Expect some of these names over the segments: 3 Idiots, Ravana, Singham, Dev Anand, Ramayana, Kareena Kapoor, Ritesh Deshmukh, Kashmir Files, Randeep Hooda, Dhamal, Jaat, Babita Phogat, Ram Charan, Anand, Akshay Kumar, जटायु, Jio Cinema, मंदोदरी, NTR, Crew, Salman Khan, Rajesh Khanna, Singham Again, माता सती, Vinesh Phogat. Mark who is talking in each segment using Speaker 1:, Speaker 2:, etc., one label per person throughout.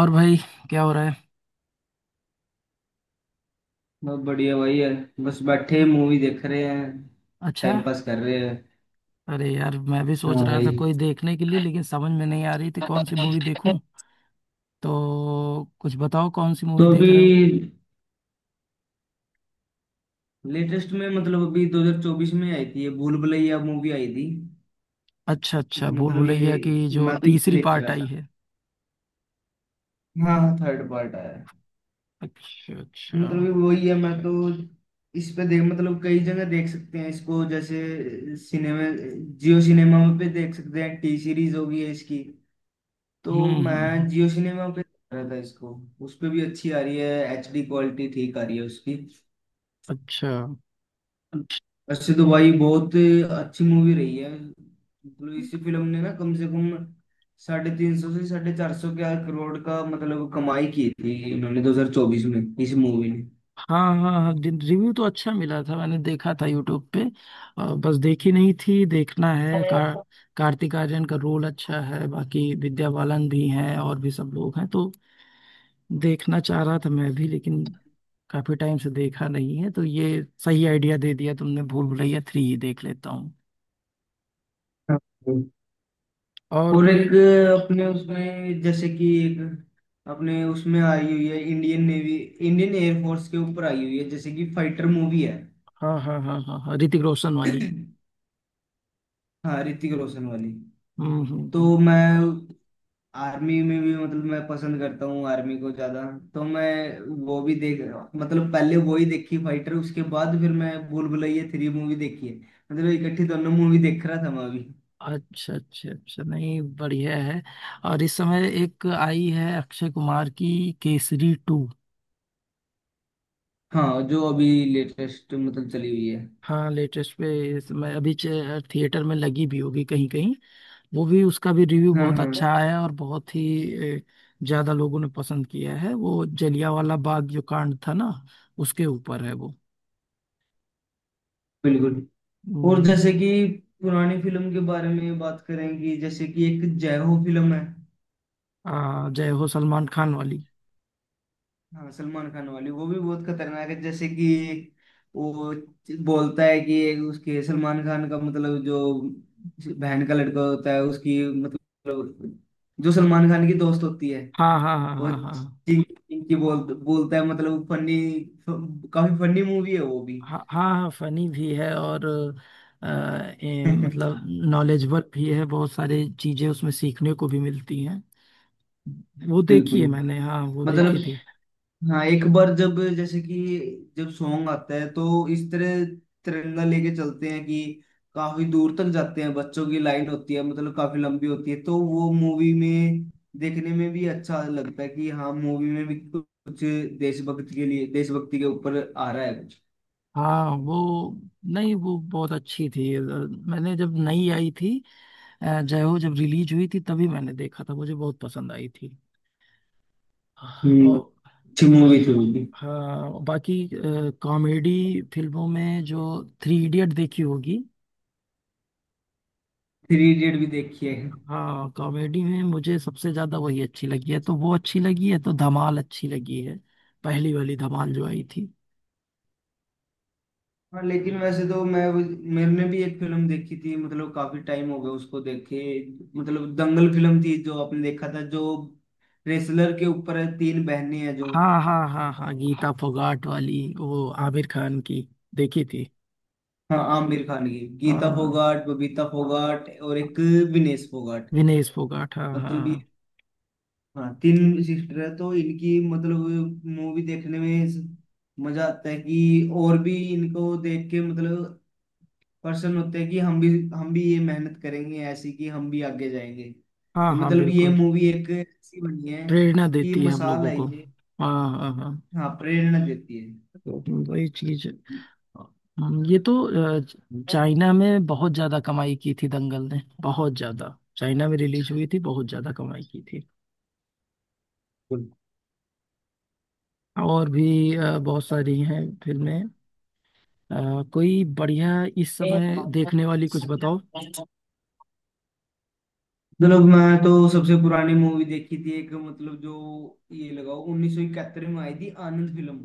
Speaker 1: और भाई। क्या हो रहा है?
Speaker 2: बहुत बढ़िया भाई है। बस बैठे मूवी देख रहे हैं।
Speaker 1: अच्छा।
Speaker 2: टाइम पास कर रहे हैं।
Speaker 1: अरे यार, मैं भी सोच
Speaker 2: हाँ
Speaker 1: रहा था
Speaker 2: भाई।
Speaker 1: कोई देखने के लिए, लेकिन समझ में नहीं आ रही थी
Speaker 2: तो
Speaker 1: कौन सी मूवी देखूं। तो कुछ बताओ, कौन सी मूवी देख
Speaker 2: अभी
Speaker 1: रहे हो?
Speaker 2: लेटेस्ट में मतलब अभी 2024 में आई थी, ये भूल भुलैया मूवी आई थी।
Speaker 1: अच्छा अच्छा, भूल
Speaker 2: मतलब
Speaker 1: भुलैया की
Speaker 2: ये
Speaker 1: जो
Speaker 2: मैं तो ये
Speaker 1: तीसरी
Speaker 2: देख
Speaker 1: पार्ट
Speaker 2: रहा
Speaker 1: आई
Speaker 2: था।
Speaker 1: है।
Speaker 2: हाँ थर्ड पार्ट आया।
Speaker 1: अच्छा अच्छा।
Speaker 2: मतलब ये वही है मैं तो। इस पे देख मतलब कई जगह देख सकते हैं इसको, जैसे सिनेमा, जियो सिनेमा पे देख सकते हैं। T-Series होगी है इसकी। तो
Speaker 1: हम्म।
Speaker 2: मैं जियो सिनेमा पे देख रहा था इसको। उस पे भी अच्छी आ रही है। HD क्वालिटी ठीक आ रही है उसकी।
Speaker 1: अच्छा।
Speaker 2: वैसे तो भाई बहुत अच्छी मूवी रही है। मतलब इस फिल्म ने ना कम से कम 350 से 450 के करोड़ का मतलब कमाई की थी इन्होंने 2024 में इस मूवी
Speaker 1: हाँ हाँ हाँ, रिव्यू तो अच्छा मिला था, मैंने देखा था यूट्यूब पे। बस देखी नहीं थी, देखना है
Speaker 2: ने।
Speaker 1: का। कार्तिक आर्यन का रोल अच्छा है, बाकी विद्या बालन भी हैं और भी सब लोग हैं, तो देखना चाह रहा था मैं भी, लेकिन काफी टाइम से देखा नहीं है। तो ये सही आइडिया दे दिया तुमने, भूल भुलैया थ्री ही देख लेता हूँ। और
Speaker 2: और
Speaker 1: कोई?
Speaker 2: एक अपने उसमें जैसे कि एक अपने उसमें आई हुई है, इंडियन नेवी इंडियन एयरफोर्स के ऊपर आई हुई है, जैसे कि फाइटर मूवी है।
Speaker 1: हाँ हाँ हाँ हाँ हाँ, ऋतिक रोशन वाली।
Speaker 2: हाँ ऋतिक रोशन वाली।
Speaker 1: हम्म हम्म
Speaker 2: तो
Speaker 1: हम्म।
Speaker 2: मैं आर्मी में भी मतलब मैं पसंद करता हूँ आर्मी को ज्यादा। तो मैं वो भी देख मतलब पहले वो ही देखी फाइटर, उसके बाद फिर मैं भूल भुलैया थ्री मूवी देखी है। मतलब इकट्ठी दोनों मूवी देख रहा था मैं अभी।
Speaker 1: अच्छा अच्छा अच्छा, नहीं बढ़िया है। और इस समय एक आई है अक्षय कुमार की, केसरी टू।
Speaker 2: हाँ जो अभी लेटेस्ट मतलब चली हुई है।
Speaker 1: हाँ लेटेस्ट पे, इस समय अभी थिएटर में लगी भी होगी कहीं कहीं। वो भी, उसका भी रिव्यू
Speaker 2: हाँ
Speaker 1: बहुत
Speaker 2: हाँ
Speaker 1: अच्छा आया, और बहुत ही ज्यादा लोगों ने पसंद किया है। वो जलियांवाला बाग जो कांड था ना, उसके ऊपर है वो।
Speaker 2: बिल्कुल। और
Speaker 1: हम्म।
Speaker 2: जैसे कि पुरानी फिल्म के बारे में बात करें कि जैसे कि एक जय हो फिल्म है।
Speaker 1: जय हो, सलमान खान वाली।
Speaker 2: हाँ सलमान खान वाली वो भी बहुत खतरनाक है। जैसे कि वो बोलता है कि उसके सलमान खान का मतलब जो बहन का लड़का होता है उसकी मतलब जो सलमान खान की दोस्त होती है,
Speaker 1: हाँ हाँ हाँ
Speaker 2: वो
Speaker 1: हाँ हाँ।
Speaker 2: चिंकी चिंकी बोलता है मतलब फनी। काफी फनी मूवी है वो भी।
Speaker 1: हाँ हाँ हाँ, फनी भी है और अ, मतलब नॉलेजेबल भी है, बहुत सारी चीजें उसमें सीखने को भी मिलती हैं। वो देखी
Speaker 2: बिल्कुल।
Speaker 1: है मैंने, हाँ वो
Speaker 2: मतलब
Speaker 1: देखी थी।
Speaker 2: हाँ एक बार जब जैसे कि जब सॉन्ग आता है तो इस तरह तिरंगा लेके चलते हैं कि काफी दूर तक जाते हैं। बच्चों की लाइन होती है मतलब काफी लंबी होती है तो वो मूवी में देखने में भी अच्छा लगता है कि हाँ मूवी में भी कुछ देशभक्ति के लिए, देशभक्ति के ऊपर आ रहा है कुछ।
Speaker 1: हाँ वो, नहीं वो बहुत अच्छी थी। मैंने जब नई आई थी, जय हो जब रिलीज हुई थी, तभी मैंने देखा था, मुझे बहुत पसंद आई थी।
Speaker 2: हम्म।
Speaker 1: और
Speaker 2: अच्छी मूवी थी वो भी।
Speaker 1: हाँ, बाकी कॉमेडी फिल्मों में जो थ्री इडियट देखी होगी।
Speaker 2: थ्री इडियट भी देखी है।
Speaker 1: हाँ कॉमेडी में मुझे सबसे ज्यादा वही अच्छी लगी है, तो वो अच्छी लगी है, तो धमाल अच्छी लगी है। पहली वाली धमाल जो आई थी।
Speaker 2: हाँ लेकिन वैसे तो मैं मैंने भी एक फिल्म देखी थी मतलब काफी टाइम हो गया उसको देखे। मतलब दंगल फिल्म थी जो आपने देखा था, जो रेसलर के ऊपर है, तीन बहनें हैं जो।
Speaker 1: हाँ हाँ हाँ हाँ, गीता फोगाट वाली, वो आमिर खान की। देखी थी।
Speaker 2: हाँ आमिर खान की गीता
Speaker 1: हाँ,
Speaker 2: फोगाट, बबीता फोगाट और एक विनेश फोगाट।
Speaker 1: विनेश फोगाट, हाँ
Speaker 2: मतलब ये
Speaker 1: हाँ।
Speaker 2: हाँ तीन सिस्टर है तो इनकी मतलब मूवी देखने में मजा आता है कि, और भी इनको देख के मतलब पर्सन होते हैं कि हम भी ये मेहनत करेंगे ऐसी कि हम भी आगे जाएंगे।
Speaker 1: हाँ
Speaker 2: ये
Speaker 1: हाँ
Speaker 2: मतलब ये
Speaker 1: बिल्कुल।
Speaker 2: मूवी एक ऐसी बनी है
Speaker 1: प्रेरणा
Speaker 2: कि
Speaker 1: देती है हम
Speaker 2: मिसाल
Speaker 1: लोगों
Speaker 2: है
Speaker 1: को।
Speaker 2: ये।
Speaker 1: हाँ हाँ हाँ।
Speaker 2: हाँ प्रेरणा देती है।
Speaker 1: वही चीज। ये तो चाइना में बहुत ज्यादा कमाई की थी दंगल ने, बहुत ज्यादा। चाइना में रिलीज हुई थी, बहुत ज्यादा कमाई की थी।
Speaker 2: बिल्कुल।
Speaker 1: और भी बहुत सारी हैं फिल्में। कोई बढ़िया इस समय देखने वाली कुछ बताओ।
Speaker 2: मतलब मैं तो सबसे पुरानी मूवी देखी थी एक, मतलब जो ये लगाओ 1971 में आई थी आनंद फिल्म।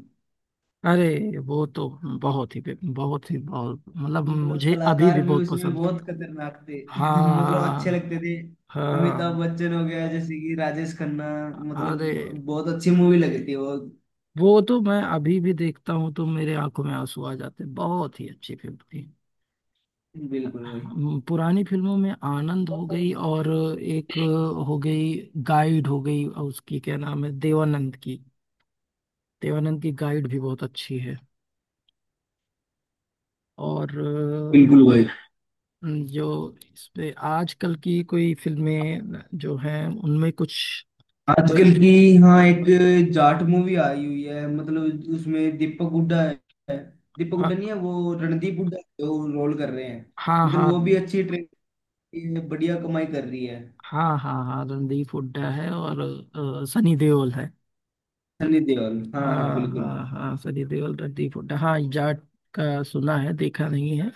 Speaker 1: अरे वो तो बहुत ही, बहुत ही, बहुत, मतलब
Speaker 2: मतलब
Speaker 1: मुझे अभी
Speaker 2: कलाकार
Speaker 1: भी
Speaker 2: भी
Speaker 1: बहुत
Speaker 2: उसमें
Speaker 1: पसंद।
Speaker 2: बहुत खतरनाक थे मतलब अच्छे
Speaker 1: हाँ
Speaker 2: लगते थे। अमिताभ
Speaker 1: हाँ।
Speaker 2: बच्चन हो गया जैसे कि राजेश खन्ना। मतलब
Speaker 1: अरे
Speaker 2: बहुत अच्छी मूवी लगी थी वो।
Speaker 1: वो तो मैं अभी भी देखता हूँ तो मेरे आंखों में आंसू आ जाते हैं, बहुत ही अच्छी फिल्म थी।
Speaker 2: बिल्कुल भाई।
Speaker 1: पुरानी फिल्मों में आनंद हो गई, और एक हो गई, गाइड हो गई। और उसकी क्या नाम है, देवानंद की? देवानंद की गाइड भी बहुत अच्छी है। और
Speaker 2: बिल्कुल भाई।
Speaker 1: जो इस पे आजकल की कोई फिल्में जो हैं, उनमें कुछ
Speaker 2: आजकल
Speaker 1: कोई?
Speaker 2: की हाँ एक जाट मूवी आई हुई है मतलब उसमें दीपक हुड्डा है। दीपक हुड्डा नहीं
Speaker 1: हाँ
Speaker 2: है, वो रणदीप हुड्डा जो रोल कर रहे हैं।
Speaker 1: हाँ
Speaker 2: मतलब
Speaker 1: हाँ
Speaker 2: वो भी अच्छी ट्रेन बढ़िया कमाई कर रही है।
Speaker 1: हाँ हाँ हाँ, रणदीप हुड्डा है और सनी देओल है।
Speaker 2: सनी देओल हाँ हाँ
Speaker 1: हाँ
Speaker 2: बिल्कुल।
Speaker 1: हाँ हाँ, सनी देओल, रणदीप हुड्डा, हाँ जाट का सुना है, देखा नहीं है।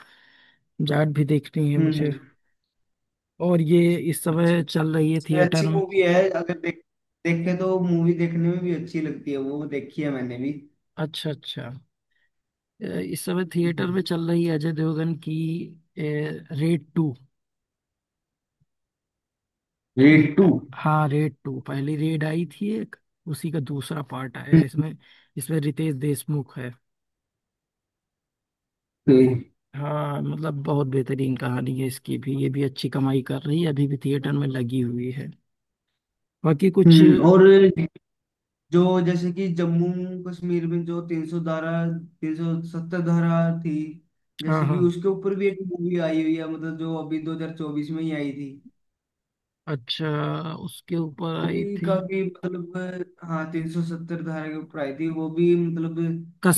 Speaker 1: जाट भी देखनी है मुझे।
Speaker 2: हम्म
Speaker 1: और ये इस समय
Speaker 2: हम्म।
Speaker 1: चल रही है
Speaker 2: ये
Speaker 1: थिएटर
Speaker 2: अच्छी
Speaker 1: में।
Speaker 2: मूवी है। अगर देखे तो मूवी देखने में भी अच्छी लगती है। वो देखी है मैंने भी।
Speaker 1: अच्छा अच्छा। इस समय थिएटर में
Speaker 2: हम्म।
Speaker 1: चल रही है अजय देवगन की, रेड टू।
Speaker 2: Raid two.
Speaker 1: हाँ रेड टू, पहली रेड आई थी एक, उसी का दूसरा पार्ट आया है
Speaker 2: हम्म
Speaker 1: इसमें। इसमें रितेश देशमुख है। हाँ मतलब बहुत बेहतरीन कहानी है इसकी भी, ये भी अच्छी कमाई कर रही है, अभी भी थिएटर में लगी हुई है। बाकी कुछ? हाँ
Speaker 2: हम्म। और जो जैसे कि जम्मू कश्मीर में जो तीन सौ सत्तर धारा थी, जैसे कि
Speaker 1: हाँ।
Speaker 2: उसके ऊपर भी एक मूवी आई हुई है मतलब जो अभी 2024 में ही आई थी।
Speaker 1: अच्छा, उसके ऊपर
Speaker 2: वो
Speaker 1: आई
Speaker 2: भी
Speaker 1: थी?
Speaker 2: काफी मतलब हाँ तीन सौ सत्तर धारा के ऊपर आई थी वो भी मतलब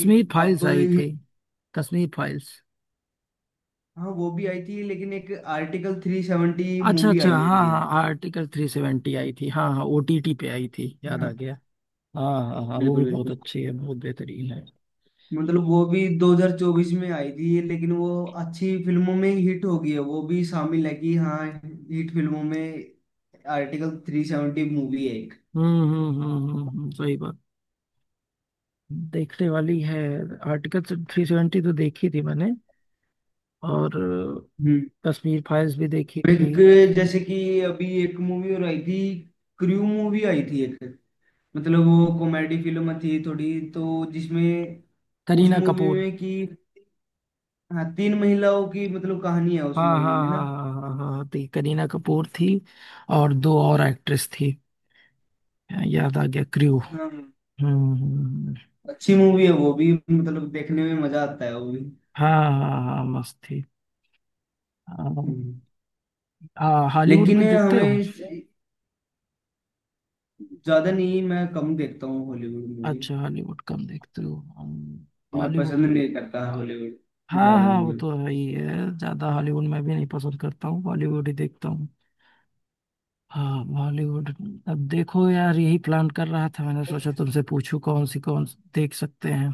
Speaker 2: कि अब
Speaker 1: फाइल्स आई थी, कश्मीर फाइल्स।
Speaker 2: हाँ वो भी आई थी लेकिन एक आर्टिकल 370
Speaker 1: अच्छा
Speaker 2: मूवी
Speaker 1: अच्छा,
Speaker 2: आई
Speaker 1: हाँ
Speaker 2: हुई है।
Speaker 1: हाँ, आर्टिकल थ्री सेवेंटी आई थी, हाँ हाँ, ओटीटी पे आई थी, याद आ
Speaker 2: हाँ
Speaker 1: गया। हाँ हाँ हाँ, वो भी
Speaker 2: बिल्कुल
Speaker 1: बहुत
Speaker 2: बिल्कुल।
Speaker 1: अच्छी है, बहुत बेहतरीन है।
Speaker 2: मतलब वो भी 2024 में आई थी लेकिन वो अच्छी फिल्मों में हिट हो गई है, वो भी शामिल है कि हाँ हिट फिल्मों में आर्टिकल 370 मूवी है एक।
Speaker 1: सही बात, देखने वाली है। आर्टिकल थ्री सेवेंटी तो देखी थी मैंने, और
Speaker 2: हम्म।
Speaker 1: कश्मीर फाइल्स भी देखी थी।
Speaker 2: एक जैसे कि अभी एक मूवी और आई थी, क्रू मूवी आई थी एक। मतलब वो कॉमेडी फिल्म थी थोड़ी, तो जिसमें उस
Speaker 1: करीना
Speaker 2: मूवी
Speaker 1: कपूर,
Speaker 2: में कि हाँ तीन महिलाओं की मतलब कहानी है उस
Speaker 1: हाँ
Speaker 2: मूवी
Speaker 1: हाँ
Speaker 2: में ना।
Speaker 1: हाँ हाँ हाँ हाँ हाँ, थी करीना कपूर थी, और दो और एक्ट्रेस थी। हाँ, याद आ गया, क्रू।
Speaker 2: हाँ
Speaker 1: हम्म हम्म,
Speaker 2: अच्छी
Speaker 1: हम्म।
Speaker 2: मूवी है वो भी, मतलब देखने में मजा आता है वो भी।
Speaker 1: हाँ हाँ हाँ, मस्त थी। हाँ।
Speaker 2: हम्म।
Speaker 1: हाँ, हॉलीवुड
Speaker 2: लेकिन
Speaker 1: में देखते हो?
Speaker 2: हमें ज्यादा नहीं, मैं कम देखता हूँ हॉलीवुड मूवी।
Speaker 1: अच्छा, हॉलीवुड कम देखते हो,
Speaker 2: मैं
Speaker 1: बॉलीवुड।
Speaker 2: पसंद नहीं करता हॉलीवुड
Speaker 1: हाँ
Speaker 2: ज्यादा
Speaker 1: हाँ, वो
Speaker 2: मूवी।
Speaker 1: तो है ही है, ज्यादा हॉलीवुड मैं भी नहीं पसंद करता हूँ, बॉलीवुड ही देखता हूँ। हाँ बॉलीवुड। अब देखो यार, यही प्लान कर रहा था, मैंने सोचा तुमसे पूछूं कौन सी देख सकते हैं,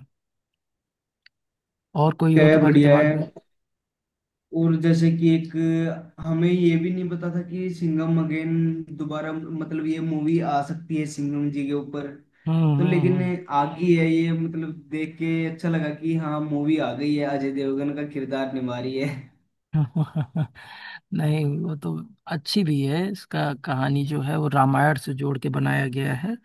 Speaker 1: और कोई
Speaker 2: क्या
Speaker 1: हो
Speaker 2: है,
Speaker 1: तुम्हारे
Speaker 2: बढ़िया है।
Speaker 1: दिमाग में?
Speaker 2: और जैसे कि एक हमें ये भी नहीं पता था कि सिंघम अगेन दोबारा मतलब ये मूवी आ सकती है सिंघम जी के ऊपर।
Speaker 1: हम्म
Speaker 2: तो लेकिन
Speaker 1: हम्म
Speaker 2: आ गई है ये मतलब देख के अच्छा लगा कि हाँ मूवी आ गई है। अजय देवगन का किरदार निभा रही है।
Speaker 1: हम्म। नहीं वो तो अच्छी भी है, इसका कहानी जो है वो रामायण से जोड़ के बनाया गया है,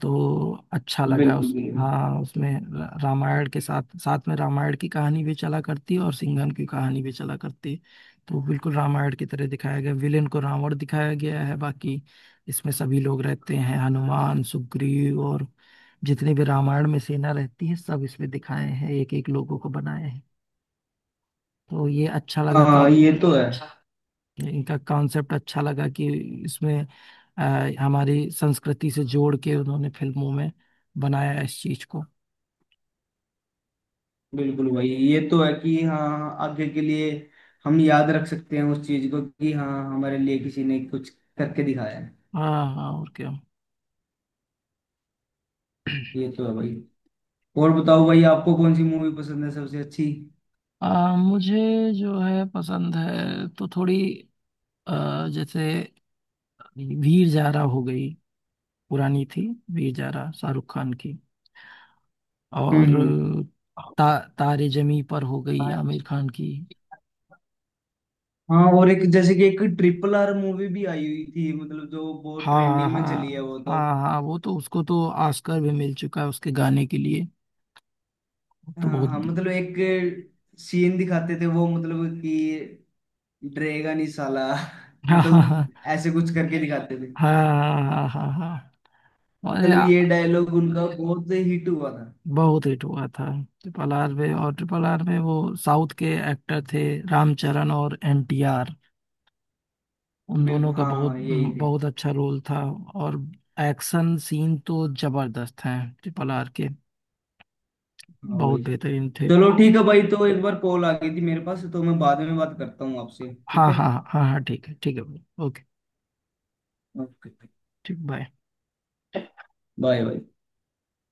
Speaker 1: तो अच्छा लगा
Speaker 2: बिल्कुल
Speaker 1: उस,
Speaker 2: बिल्कुल।
Speaker 1: हाँ उसमें रामायण के साथ साथ में रामायण की कहानी भी चला करती है, और सिंघम की कहानी भी चला करती है। तो बिल्कुल रामायण की तरह दिखाया गया, विलेन को रावण दिखाया गया है। बाकी इसमें सभी लोग रहते हैं, हनुमान, सुग्रीव, और जितने भी रामायण में सेना रहती है, सब इसमें दिखाए हैं, एक एक लोगों को बनाए हैं। तो ये अच्छा लगा का,
Speaker 2: हाँ ये तो है।
Speaker 1: इनका कॉन्सेप्ट अच्छा लगा कि इसमें अ, हमारी संस्कृति से जोड़ के उन्होंने फिल्मों में बनाया इस चीज को।
Speaker 2: बिल्कुल भाई ये तो है कि हाँ आगे के लिए हम याद रख सकते हैं उस चीज को कि हाँ हमारे लिए किसी ने कुछ करके दिखाया है।
Speaker 1: हाँ हाँ, और क्या?
Speaker 2: ये तो है भाई। और बताओ भाई आपको कौन सी मूवी पसंद है सबसे अच्छी।
Speaker 1: मुझे जो है पसंद है तो थोड़ी, जैसे वीर जारा हो गई, पुरानी थी, वीर जारा शाहरुख खान की। और
Speaker 2: हम्म।
Speaker 1: तारे जमी पर हो गई आमिर खान की।
Speaker 2: हाँ और एक जैसे कि एक RRR मूवी भी आई हुई थी मतलब जो बहुत
Speaker 1: हाँ
Speaker 2: ट्रेंडिंग में चली है
Speaker 1: हाँ
Speaker 2: वो तो।
Speaker 1: हाँ हाँ, वो तो उसको तो ऑस्कर भी मिल चुका है उसके गाने के लिए, वो तो
Speaker 2: हाँ हाँ
Speaker 1: बहुत।
Speaker 2: मतलब एक सीन दिखाते थे वो, मतलब कि डरेगा नहीं साला।
Speaker 1: हाँ हाँ
Speaker 2: मतलब ऐसे कुछ करके दिखाते थे।
Speaker 1: हाँ हाँ हाँ हाँ, अरे
Speaker 2: मतलब ये डायलॉग उनका बहुत हिट हुआ था।
Speaker 1: बहुत हिट हुआ था। ट्रिपल आर में, और ट्रिपल आर में वो साउथ के एक्टर थे, रामचरण और एनटीआर। उन दोनों
Speaker 2: बिल्कुल
Speaker 1: का
Speaker 2: हाँ
Speaker 1: बहुत
Speaker 2: हाँ यही थे।
Speaker 1: बहुत अच्छा रोल था, और एक्शन सीन तो जबरदस्त हैं ट्रिपल आर के,
Speaker 2: हाँ
Speaker 1: बहुत
Speaker 2: वही।
Speaker 1: बेहतरीन थे।
Speaker 2: चलो ठीक है भाई, तो एक बार कॉल आ गई थी मेरे पास, तो मैं बाद में बात करता हूँ आपसे
Speaker 1: हाँ
Speaker 2: ठीक है।
Speaker 1: हाँ हाँ हाँ हाँ, ठीक है, ठीक है, ओके।
Speaker 2: ओके।
Speaker 1: ठीक, बाय।
Speaker 2: Bye bye.